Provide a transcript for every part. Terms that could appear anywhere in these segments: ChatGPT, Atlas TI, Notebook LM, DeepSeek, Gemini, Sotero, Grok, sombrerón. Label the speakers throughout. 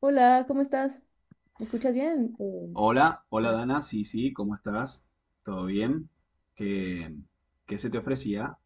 Speaker 1: Hola, ¿cómo estás? ¿Me escuchas bien,
Speaker 2: Hola, hola
Speaker 1: María?
Speaker 2: Dana, sí, sí, ¿cómo estás? ¿Todo bien? ¿Qué, qué se te ofrecía?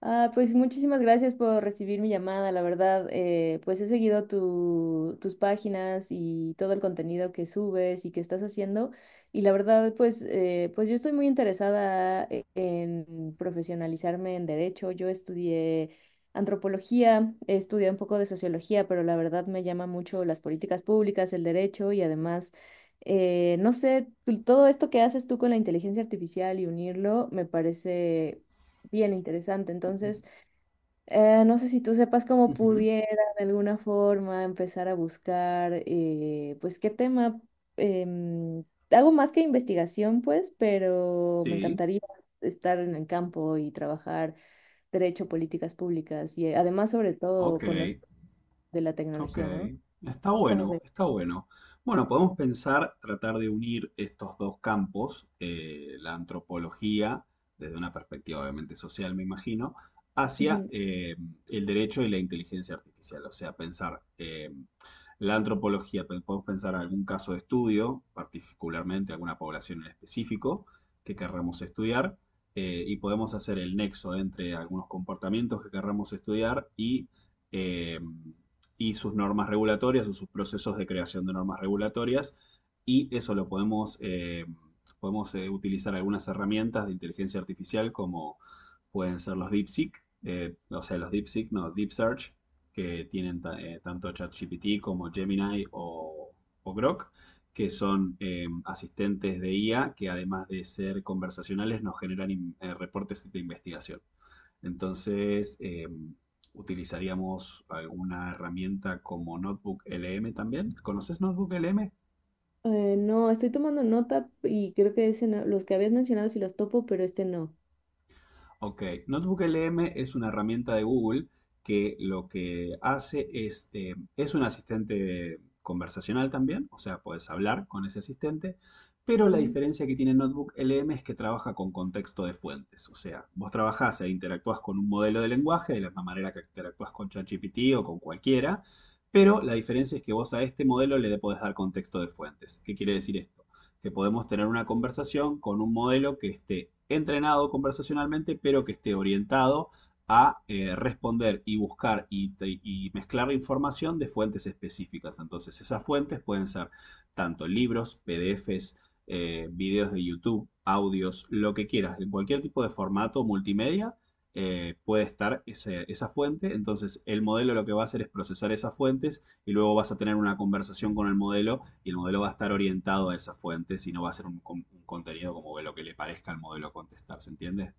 Speaker 1: Pues muchísimas gracias por recibir mi llamada, la verdad, pues he seguido tus páginas y todo el contenido que subes y que estás haciendo y la verdad, pues yo estoy muy interesada en profesionalizarme en derecho. Yo estudié antropología, estudié un poco de sociología, pero la verdad me llama mucho las políticas públicas, el derecho y además... no sé, pues, todo esto que haces tú con la inteligencia artificial y unirlo me parece bien interesante. Entonces, no sé si tú sepas cómo
Speaker 2: Ujú,
Speaker 1: pudiera de alguna forma empezar a buscar, pues, qué tema. em, Hago más que investigación, pues, pero me
Speaker 2: sí,
Speaker 1: encantaría estar en el campo y trabajar derecho, políticas públicas y además, sobre
Speaker 2: ok,
Speaker 1: todo, con esto de la
Speaker 2: ok.
Speaker 1: tecnología, ¿no?
Speaker 2: Está
Speaker 1: ¿Cómo
Speaker 2: bueno,
Speaker 1: ves?
Speaker 2: está bueno. Bueno, podemos pensar, tratar de unir estos dos campos, la antropología, desde una perspectiva obviamente social, me imagino, hacia
Speaker 1: Ujú.
Speaker 2: el derecho y la inteligencia artificial. O sea, pensar, la antropología, pues, podemos pensar algún caso de estudio, particularmente alguna población en específico que querramos estudiar, y podemos hacer el nexo entre algunos comportamientos que querramos estudiar y, eh, y sus normas regulatorias o sus procesos de creación de normas regulatorias, y eso lo podemos, utilizar algunas herramientas de inteligencia artificial como pueden ser los DeepSeek, o sea, los DeepSeek, no, Deep Search, que tanto ChatGPT como Gemini o Grok, que son asistentes de IA que además de ser conversacionales nos generan reportes de investigación. Entonces, utilizaríamos alguna herramienta como Notebook LM también. ¿Conoces Notebook LM?
Speaker 1: No, estoy tomando nota y creo que ese no- los que habías mencionado sí los topo, pero este no.
Speaker 2: Ok, Notebook LM es una herramienta de Google que lo que hace es un asistente conversacional también, o sea, puedes hablar con ese asistente, pero la diferencia que tiene Notebook LM es que trabaja con contexto de fuentes, o sea, vos trabajás e interactuás con un modelo de lenguaje de la misma manera que interactuás con ChatGPT o con cualquiera, pero la diferencia es que vos a este modelo le podés dar contexto de fuentes. ¿Qué quiere decir esto? Que podemos tener una conversación con un modelo que esté entrenado conversacionalmente, pero que esté orientado a responder y buscar y mezclar información de fuentes específicas. Entonces, esas fuentes pueden ser tanto libros, PDFs, videos de YouTube, audios, lo que quieras, en cualquier tipo de formato multimedia. Puede estar esa fuente, entonces el modelo lo que va a hacer es procesar esas fuentes y luego vas a tener una conversación con el modelo y el modelo va a estar orientado a esa fuente, si no va a ser un contenido como que lo que le parezca al modelo contestar, ¿se entiende?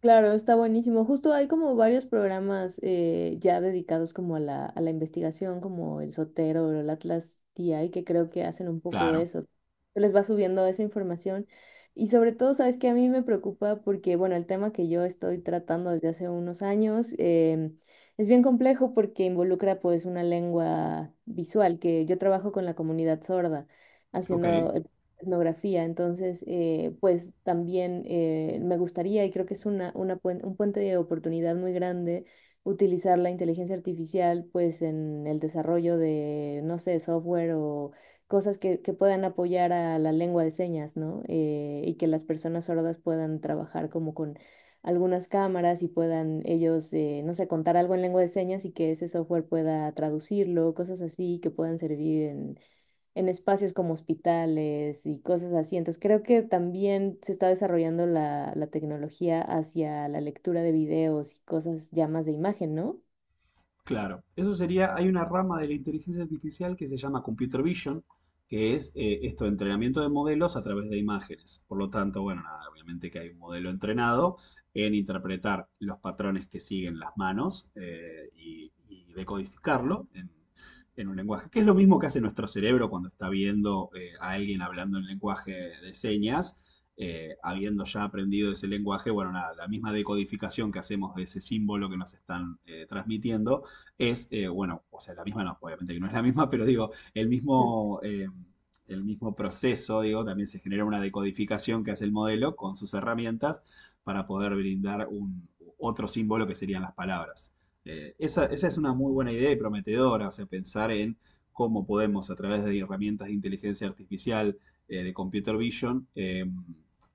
Speaker 1: Claro, está buenísimo. Justo hay como varios programas ya dedicados como a a la investigación, como el Sotero o el Atlas TI, que creo que hacen un poco
Speaker 2: Claro,
Speaker 1: eso. Se les va subiendo esa información. Y sobre todo, sabes que a mí me preocupa porque, bueno, el tema que yo estoy tratando desde hace unos años es bien complejo porque involucra pues una lengua visual, que yo trabajo con la comunidad sorda
Speaker 2: ok.
Speaker 1: haciendo etnografía. Entonces, pues también me gustaría, y creo que es un puente de oportunidad muy grande, utilizar la inteligencia artificial pues en el desarrollo de, no sé, software o cosas que puedan apoyar a la lengua de señas, ¿no? Y que las personas sordas puedan trabajar como con algunas cámaras y puedan ellos, no sé, contar algo en lengua de señas y que ese software pueda traducirlo, cosas así que puedan servir en espacios como hospitales y cosas así. Entonces creo que también se está desarrollando la tecnología hacia la lectura de videos y cosas ya más de imagen, ¿no?
Speaker 2: Claro, eso sería, hay una rama de la inteligencia artificial que se llama computer vision, que es esto, entrenamiento de modelos a través de imágenes. Por lo tanto, bueno, nada, obviamente que hay un modelo entrenado en interpretar los patrones que siguen las manos eh, y decodificarlo en un lenguaje, que es lo mismo que hace nuestro cerebro cuando está viendo a alguien hablando en lenguaje de señas, habiendo ya aprendido ese lenguaje, bueno, nada, la misma decodificación que hacemos de ese símbolo que nos están transmitiendo, es, bueno, o sea, la misma no, obviamente que no es la misma, pero digo,
Speaker 1: El
Speaker 2: el mismo proceso, digo, también se genera una decodificación que hace el modelo con sus herramientas para poder brindar otro símbolo que serían las palabras. Esa es una muy buena idea y prometedora, o sea, pensar en cómo podemos a través de herramientas de inteligencia artificial, de computer vision,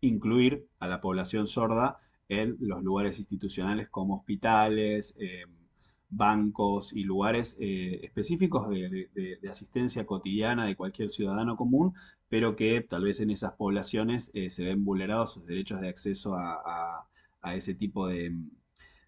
Speaker 2: incluir a la población sorda en los lugares institucionales como hospitales, bancos y lugares específicos de asistencia cotidiana de cualquier ciudadano común, pero que tal vez en esas poblaciones se ven vulnerados sus derechos de acceso a- a ese tipo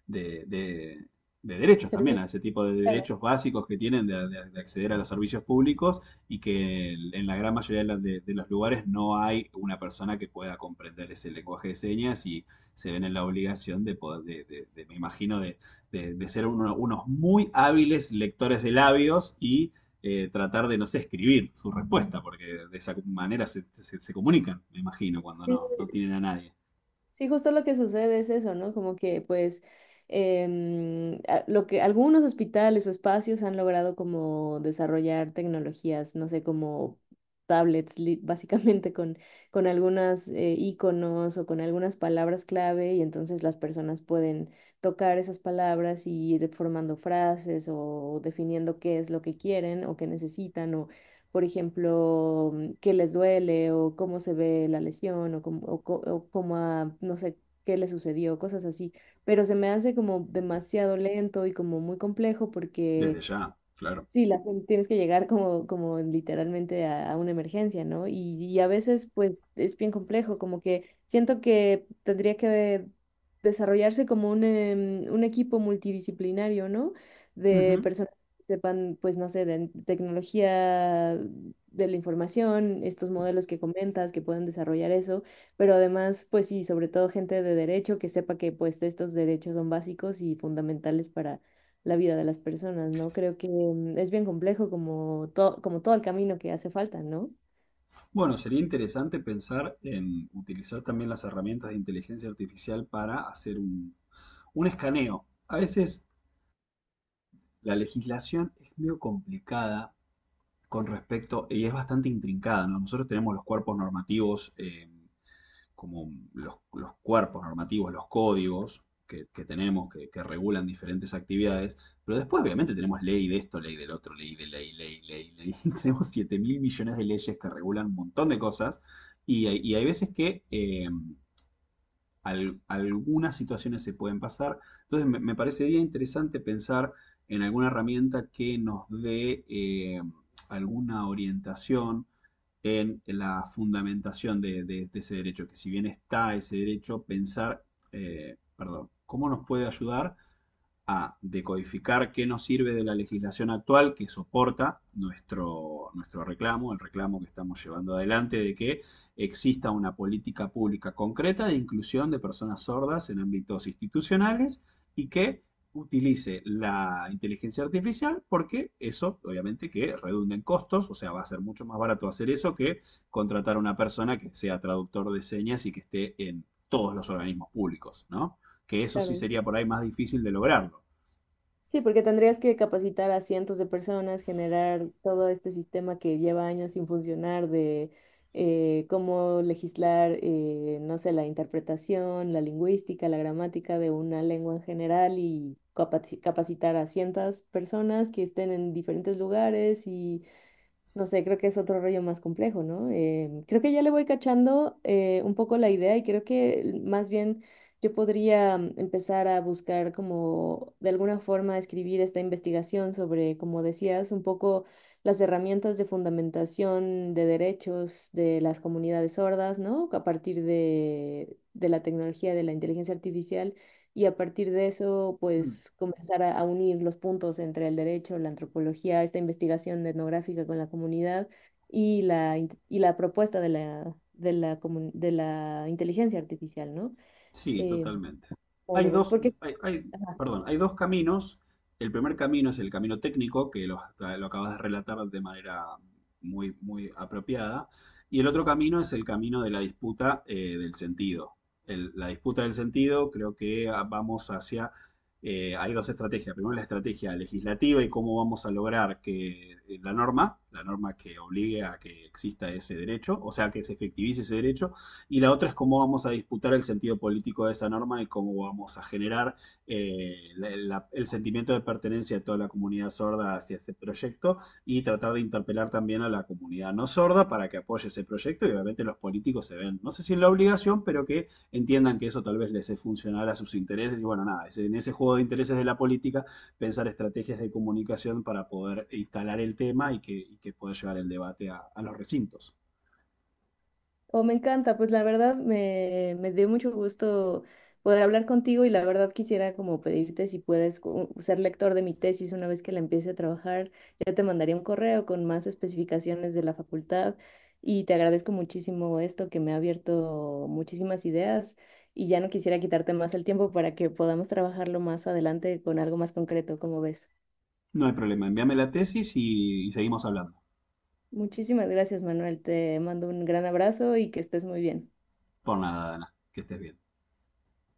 Speaker 2: de- de- de derechos también,
Speaker 1: servicio,
Speaker 2: a ese tipo de
Speaker 1: claro.
Speaker 2: derechos básicos que tienen de acceder a los servicios públicos y que en la gran mayoría de los lugares no hay una persona que pueda comprender ese lenguaje de señas y se ven en la obligación de poder, me imagino, de ser unos muy hábiles lectores de labios y tratar de, no sé, escribir su respuesta, porque de esa manera se comunican, me imagino, cuando no tienen a nadie.
Speaker 1: Sí, justo lo que sucede es eso, ¿no? Como que pues lo que algunos hospitales o espacios han logrado como desarrollar tecnologías, no sé, como tablets, básicamente con algunas iconos o con algunas palabras clave y entonces las personas pueden tocar esas palabras y ir formando frases o definiendo qué es lo que quieren o que necesitan por ejemplo, qué les duele o cómo se ve la lesión o cómo no sé, qué le sucedió, cosas así. Pero se me hace como demasiado lento y como muy complejo
Speaker 2: Desde
Speaker 1: porque
Speaker 2: ya, claro.
Speaker 1: sí, tienes que llegar como, como literalmente a una emergencia, ¿no? Y a veces, pues, es bien complejo, como que siento que tendría que desarrollarse como un equipo multidisciplinario, ¿no? De
Speaker 2: Ujú.
Speaker 1: personas que sepan, pues, no sé, de tecnología de la información, estos modelos que comentas, que puedan desarrollar eso, pero además, pues sí, sobre todo gente de derecho que sepa que, pues, estos derechos son básicos y fundamentales la vida de las personas, ¿no? Creo que es bien complejo como, como todo el camino que hace falta, ¿no?
Speaker 2: Bueno, sería interesante pensar en utilizar también las herramientas de inteligencia artificial para hacer un escaneo. A veces la legislación es medio complicada con respecto, y es bastante intrincada, ¿no? Nosotros tenemos los cuerpos normativos eh, como los cuerpos normativos, los códigos que tenemos, que regulan diferentes actividades, pero después obviamente tenemos ley de esto, ley del otro, ley de ley, ley, ley, ley. Y tenemos 7 mil millones de leyes que regulan un montón de cosas y hay veces que algunas situaciones se pueden pasar. Entonces me parecería interesante pensar en alguna herramienta que nos dé alguna orientación en la fundamentación de ese derecho, que si bien está ese derecho, pensar, perdón, cómo nos puede ayudar a decodificar qué nos sirve de la legislación actual que soporta nuestro reclamo, el reclamo que estamos llevando adelante de que exista una política pública concreta de inclusión de personas sordas en ámbitos institucionales y que utilice la inteligencia artificial porque eso obviamente que redunda en costos, o sea, va a ser mucho más barato hacer eso que contratar a una persona que sea traductor de señas y que esté en todos los organismos públicos, ¿no? Que eso sí
Speaker 1: Claro, sí.
Speaker 2: sería por ahí más difícil de lograrlo.
Speaker 1: Sí, porque tendrías que capacitar a cientos de personas, generar todo este sistema que lleva años sin funcionar de cómo legislar, no sé, la interpretación, la lingüística, la gramática de una lengua en general y capacitar a cientos personas que estén en diferentes lugares y no sé, creo que es otro rollo más complejo, ¿no? Em, creo que ya le voy cachando un poco la idea y creo que más bien yo podría empezar a buscar como de alguna forma escribir esta investigación sobre, como decías, un poco las herramientas de fundamentación de derechos de las comunidades sordas, ¿no? A partir de la tecnología de la inteligencia artificial y a partir de eso, pues comenzar a unir los puntos entre el derecho, la antropología, esta investigación etnográfica con la comunidad y la propuesta de de la inteligencia artificial, ¿no?
Speaker 2: Sí,
Speaker 1: Eh,
Speaker 2: totalmente.
Speaker 1: ¿Cómo
Speaker 2: Hay
Speaker 1: lo ves?
Speaker 2: dos,
Speaker 1: Porque,
Speaker 2: hay- Perdón, hay dos caminos. El primer camino es el camino técnico, que lo acabas de relatar de manera muy, muy apropiada. Y el otro camino es el camino de la disputa del sentido. La disputa del sentido, creo que ah, vamos hacia... hay dos estrategias. Primero la estrategia legislativa y cómo vamos a lograr que la norma que obligue a que exista ese derecho, o sea, que se efectivice ese derecho y la otra es cómo vamos a disputar el sentido político de esa norma y cómo vamos a generar el sentimiento de pertenencia de toda la comunidad sorda hacia este proyecto y tratar de interpelar también a la comunidad no sorda para que apoye ese proyecto y obviamente los políticos se ven, no sé si en la obligación, pero que entiendan que eso tal vez les es funcional a sus intereses y bueno, nada, es en ese juego de intereses de la política pensar estrategias de comunicación para poder instalar el tema y que poder llevar el debate a los recintos.
Speaker 1: oh, me encanta, pues la verdad me dio mucho gusto poder hablar contigo y la verdad quisiera como pedirte si puedes ser lector de mi tesis una vez que la empiece a trabajar. Ya te mandaría un correo con más especificaciones de la facultad y te agradezco muchísimo esto que me ha abierto muchísimas ideas y ya no quisiera quitarte más el tiempo para que podamos trabajarlo más adelante con algo más concreto, como ves.
Speaker 2: No hay problema, envíame la tesis y seguimos hablando.
Speaker 1: Muchísimas gracias, Manuel. Te mando un gran abrazo y que estés muy bien.
Speaker 2: Por nada, Dana, que estés bien.